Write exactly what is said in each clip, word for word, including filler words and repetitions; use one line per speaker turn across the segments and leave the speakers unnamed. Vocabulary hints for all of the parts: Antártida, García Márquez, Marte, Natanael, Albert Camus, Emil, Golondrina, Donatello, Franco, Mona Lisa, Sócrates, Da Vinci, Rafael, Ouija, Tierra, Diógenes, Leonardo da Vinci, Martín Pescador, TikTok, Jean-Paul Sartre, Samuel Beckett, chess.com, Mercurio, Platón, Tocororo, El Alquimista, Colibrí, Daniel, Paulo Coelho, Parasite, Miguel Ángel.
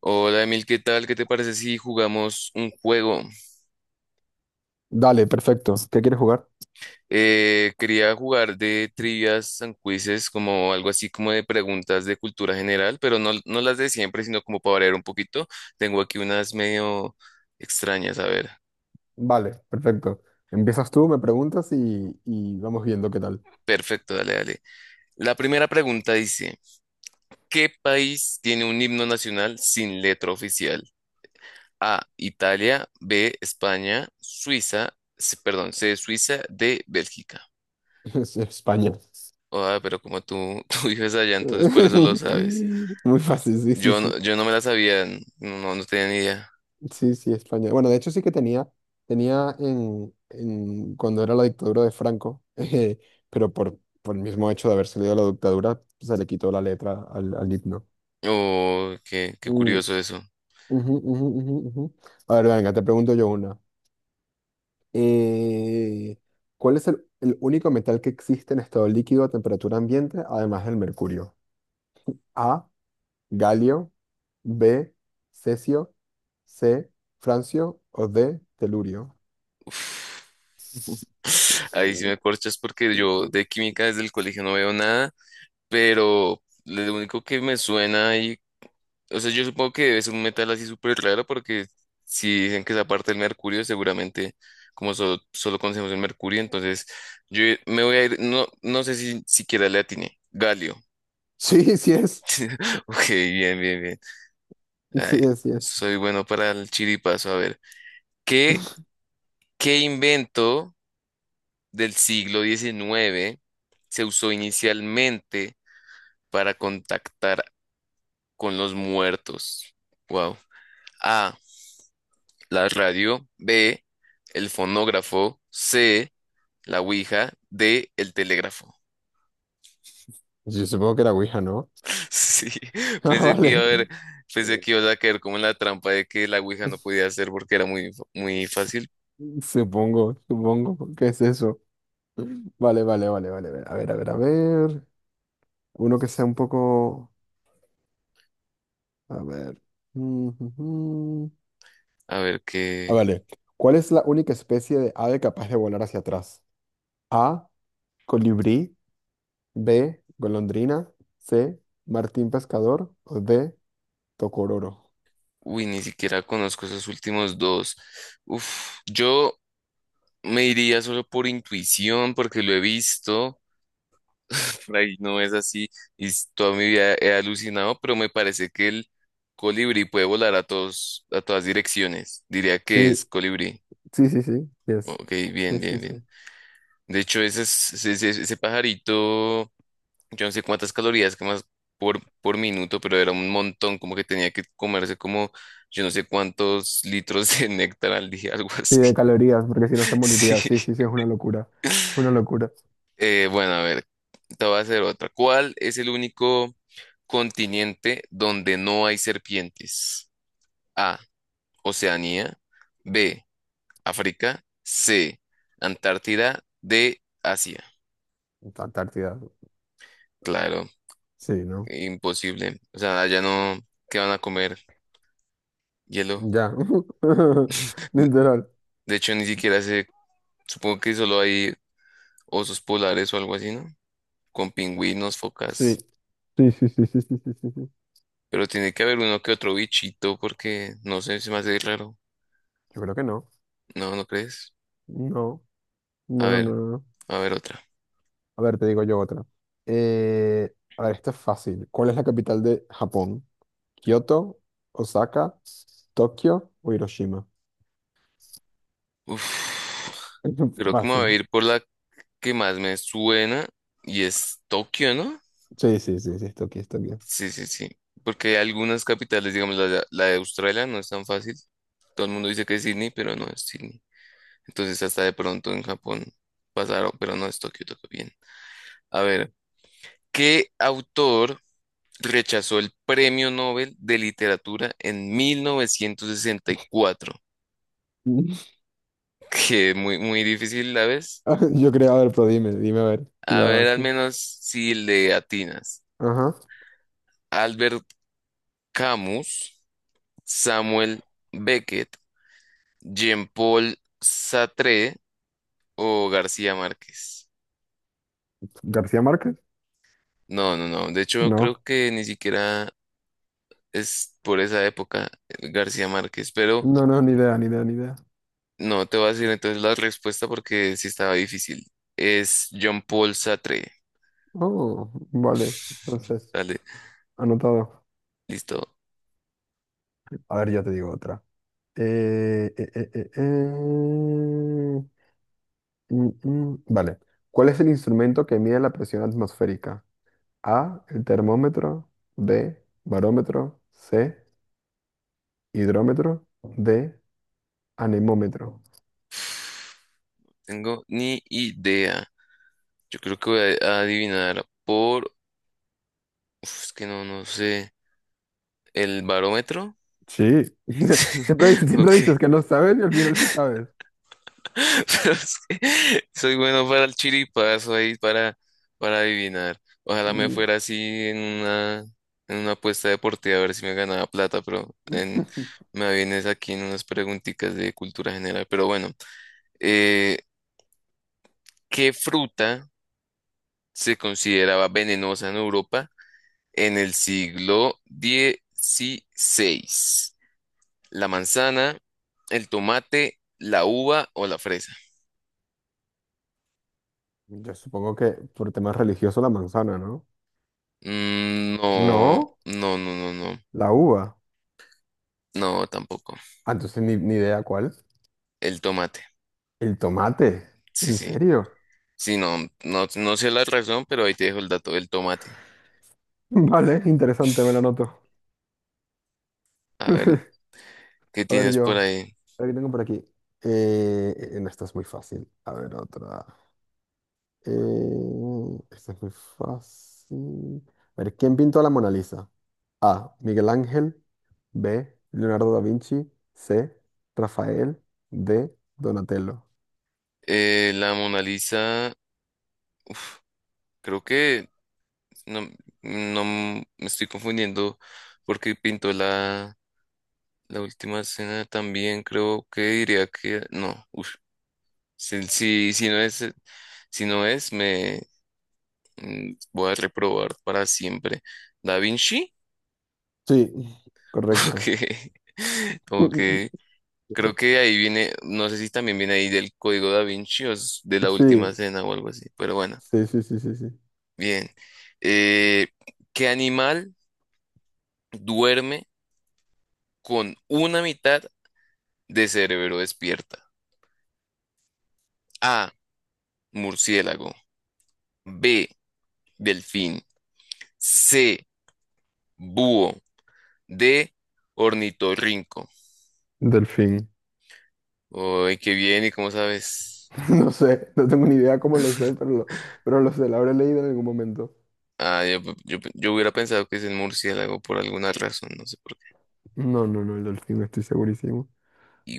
Hola Emil, ¿qué tal? ¿Qué te parece si jugamos un juego?
Dale, perfecto. ¿Qué quieres jugar?
Eh, quería jugar de trivias and quizzes, como algo así como de preguntas de cultura general, pero no, no las de siempre, sino como para variar un poquito. Tengo aquí unas medio extrañas, a ver.
Vale, perfecto. Empiezas tú, me preguntas y, y vamos viendo qué tal.
Perfecto, dale, dale. La primera pregunta dice, ¿qué país tiene un himno nacional sin letra oficial? A, Italia, B, España, Suiza, C- perdón, C, Suiza, D, Bélgica.
Es España.
Ah, pero como tú, tú vives allá, entonces por eso lo sabes.
Muy fácil, sí, sí,
Yo no,
sí.
yo no me la sabía, n- no, no tenía ni idea.
Sí, sí, España. Bueno, de hecho sí que tenía, tenía en, en- cuando era la dictadura de Franco, eh, pero por, por el mismo hecho de haber salido de la dictadura, se le quitó la letra al, al himno.
Oh, qué, qué
Mm,
curioso eso.
ujú, ujú, ujú, ujú. A ver, venga, te pregunto yo una. Eh, ¿cuál es el, el único metal que existe en estado líquido a temperatura ambiente, además del mercurio? A, galio, B, cesio, C, francio o D, telurio.
Uf. Ahí sí
Mm.
me corchas porque yo de química desde el colegio no veo nada, pero lo único que me suena y, o sea, yo supongo que es un metal así súper raro porque si dicen que es aparte del mercurio, seguramente como solo, solo conocemos el mercurio, entonces yo me voy a ir, no, no sé si siquiera le atiné, galio.
Sí, sí es.
Ok, bien, bien, bien. Ay,
Sí es, sí es.
soy bueno para el chiripazo. A ver, ¿qué, qué invento del siglo diecinueve se usó inicialmente para contactar con los muertos? Wow. A, la radio. B, el fonógrafo. C, la ouija. D, el telégrafo.
Yo supongo que era Ouija, ¿no?
Sí,
Ah,
pensé que iba
vale.
a haber, pensé que iba a caer como en la trampa de que la ouija no podía hacer porque era muy, fa- muy fácil.
Supongo, supongo. ¿Qué es eso? Vale, vale, vale, vale, vale. A ver, a ver, a ver. Uno que sea un poco... A ver.
A ver
Ah,
qué.
vale. ¿Cuál es la única especie de ave capaz de volar hacia atrás? A, colibrí. B, golondrina. C, martín pescador. O D, tocororo.
Uy, ni siquiera conozco esos últimos dos. Uf, yo me iría solo por intuición, porque lo he visto, por ahí no es así, y s- toda mi vida he alucinado, pero me parece que el colibrí puede volar a todos, a todas direcciones. Diría que
Sí,
es colibrí.
sí, sí, sí. Yes.
Ok,
Sí,
bien,
sí,
bien,
sí.
bien. De hecho, ese, es- ese, ese ese pajarito. Yo no sé cuántas calorías quemas por, por minuto, pero era un montón, como que tenía que comerse como yo no sé cuántos litros de néctar al día, algo
Sí,
así.
de calorías, porque si no se moriría.
Sí.
Sí, sí, sí, es una locura. Una locura.
Eh, bueno, a ver, te voy a hacer otra. ¿Cuál es el único continente donde no hay serpientes? A, Oceanía, B, África, C, Antártida, D, Asia.
Antártida.
Claro,
Sí, ¿no?
imposible. O sea, allá no, ¿qué van a comer? Hielo.
Ya.
De
Literal.
de hecho, ni siquiera sé. Supongo que solo hay osos polares o algo así, ¿no? Con pingüinos,
Sí.
focas.
Sí, sí, sí, sí, sí, sí, sí, sí.
Pero tiene que haber uno que otro bichito porque no sé, se me hace raro.
Yo creo que no.
No, ¿no crees?
No.
A
No, no,
ver,
no, no.
a ver otra.
A ver, te digo yo otra. Eh, a ver, esta es fácil. ¿Cuál es la capital de Japón? ¿Kioto, Osaka, Tokio o Hiroshima?
Uf, creo que me voy
Fácil.
a ir por la que más me suena y es Tokio, ¿no?
Sí, sí, sí, sí, es Tokio, es Tokio.
Sí, sí, sí. Porque hay algunas capitales, digamos, la de, la de Australia no es tan fácil. Todo el mundo dice que es Sydney, pero no es Sydney. Entonces hasta de pronto en Japón pasaron, pero no es Tokio, Tokio bien. A ver. ¿Qué autor rechazó el Premio Nobel de Literatura en mil novecientos sesenta y cuatro? Que muy, muy difícil la vez.
Ah, yo creo, a ver, pero dime, dime a ver. Si
A
La,
ver, al
sí.
menos si le atinas.
Ajá.
Albert Camus, Samuel Beckett, Jean-Paul Sartre o García Márquez.
¿García Márquez?
No, no, no. De hecho, creo
No.
que ni siquiera es por esa época eh, García Márquez, pero
No, no, ni idea, ni idea, ni idea.
no te voy a decir entonces la respuesta porque sí estaba difícil. Es John paul Sartre.
Oh, vale. Entonces,
Dale,
anotado.
listo.
A ver, ya te digo otra. Eh, eh, eh, eh, eh. Mm, mm, Vale. ¿Cuál es el instrumento que mide la presión atmosférica? A, el termómetro, B, barómetro, C, hidrómetro, D, anemómetro.
Tengo ni idea. Yo creo que voy a a adivinar por... Uf, es que no, no sé. ¿El barómetro?
Sí. Siempre, dices- siempre
Ok.
dices que no sabes y al final sí sabes.
Pero es que soy bueno para el chiripazo ahí, para, para adivinar. Ojalá me
Mm.
fuera así en una, en una apuesta deportiva a ver si me ganaba plata, pero en, me vienes aquí en unas preguntitas de cultura general. Pero bueno. Eh, ¿qué fruta se consideraba venenosa en Europa en el siglo dieciséis? ¿La manzana, el tomate, la uva o la fresa?
Yo supongo que por temas religiosos la manzana, ¿no?
Mm, no,
No,
no, no, no, no.
la uva.
No, tampoco.
Ah, entonces ni, ni idea cuál.
El tomate.
El tomate.
Sí,
¿En
sí.
serio?
Sí, no, no, no sé la razón, pero ahí te dejo el dato del tomate.
Vale, interesante, me lo anoto.
A ver, ¿qué
A ver
tienes por
yo,
ahí?
a ver qué tengo por aquí. Eh, en esta es muy fácil. A ver otra. Eh, esta es muy fácil. A ver, ¿quién pintó la Mona Lisa? A, Miguel Ángel. B, Leonardo da Vinci. C, Rafael. D, Donatello.
Eh, la Mona Lisa, creo que no, no me estoy confundiendo porque pintó la, la última escena también. Creo que diría que no. Uf, si, si, si no es, si no es, me mm, voy a reprobar para siempre. ¿Da Vinci?
Sí, correcto.
Ok. Ok. Creo que ahí viene, no sé si también viene ahí del código Da Vinci o es de la última
Sí,
escena o algo así, pero bueno,
sí, sí, sí, sí, sí.
bien. Eh, ¿qué animal duerme con una mitad de cerebro despierta? A, murciélago. B, delfín. C, búho. D, ornitorrinco.
Delfín.
Uy, qué bien, ¿y cómo sabes?
No sé, no tengo ni idea cómo lo sé, pero lo, pero lo sé, lo habré leído en algún momento.
Ah, yo, yo, yo hubiera pensado que es el murciélago por alguna razón, no sé por qué.
No, no, no, el delfín, estoy segurísimo.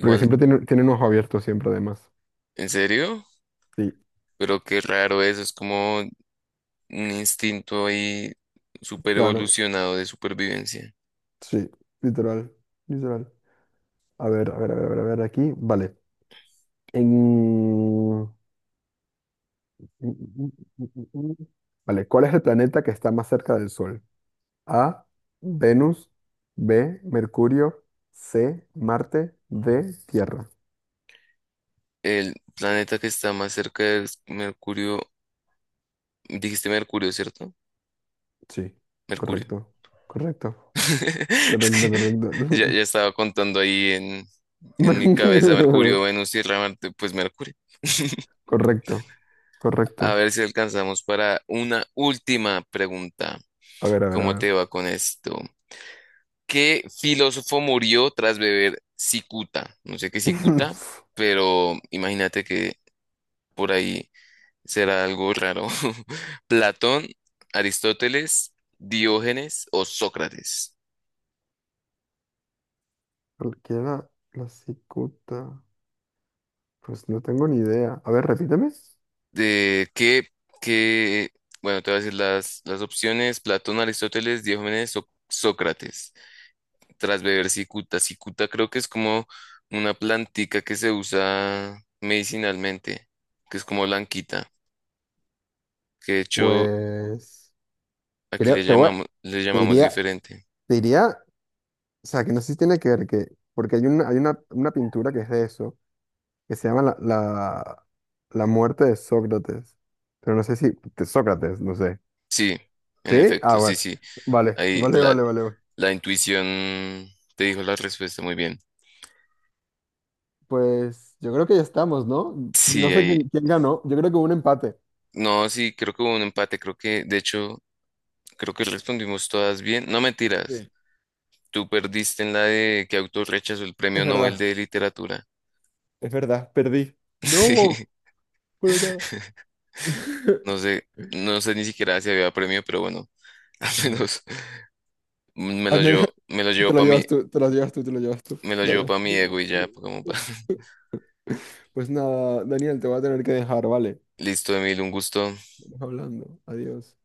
Porque siempre tiene, tiene un ojo abierto, siempre además.
¿en serio?
Sí,
Pero qué raro eso, es como un instinto ahí super
claro,
evolucionado de supervivencia.
sí, literal, literal. A ver, a ver, a ver, a ver, a ver, aquí, vale. En... mm, mm, mm, mm, mm, mm. Vale, ¿cuál es el planeta que está más cerca del Sol? A, Venus, B, Mercurio, C, Marte, D, Tierra.
El planeta que está más cerca de Mercurio, dijiste Mercurio, ¿cierto?
Sí,
Mercurio.
correcto, correcto,
Es
correcto,
que ya, ya
correcto.
estaba contando ahí en, en mi cabeza Mercurio, Venus, Tierra, Marte, pues Mercurio.
Correcto,
A
correcto.
ver si alcanzamos para una última pregunta.
A ver, a ver, a
¿Cómo te
ver.
va con esto? ¿Qué filósofo murió tras beber cicuta? No sé qué es cicuta, pero imagínate que por ahí será algo raro. ¿Platón, Aristóteles, Diógenes o Sócrates?
Cualquiera la la cicuta. Pues no tengo ni idea. A ver, repíteme.
De que, que, bueno, te voy a decir las, las opciones, Platón, Aristóteles, Diógenes, Soc- Sócrates. Tras beber cicuta. Cicuta creo que es como una plantica que se usa medicinalmente, que es como blanquita, que de hecho
Pues
aquí
creo,
le
te voy, a-
llamamos, le
te
llamamos
diría,
diferente.
te diría, o sea, que no sé si tiene que ver que, porque hay una, hay una, una pintura que es de eso, que se llama la, la, la muerte de Sócrates. Pero no sé si, de Sócrates, no sé.
Sí, en
¿Sí?
efecto,
Ah,
sí,
bueno.
sí.
Vale,
Ahí
vale,
la,
vale, vale, vale.
la intuición te dijo la respuesta muy bien.
Pues yo creo que ya estamos, ¿no? No
Sí,
sé
ahí.
quién, quién ganó. Yo creo que hubo un empate.
No, sí, creo que hubo un empate, creo que de hecho creo que respondimos todas bien. No mentiras.
Sí,
Tú perdiste en la de que autor rechazó el premio
es
Nobel
verdad,
de literatura.
es verdad, perdí. No,
Sí,
pero nada.
no sé, no sé ni siquiera si había premio, pero bueno, al
No.
menos me
Al
lo
menos
llevo, me lo llevo
te lo
para mí,
llevas tú, te lo llevas tú, te lo llevas tú,
me lo
te lo
llevo
llevas
para mi ego
tú.
y ya, como pa-
Pues nada, Daniel, te voy a tener que dejar, ¿vale?
Listo, Emil, un gusto.
Vamos hablando. Adiós.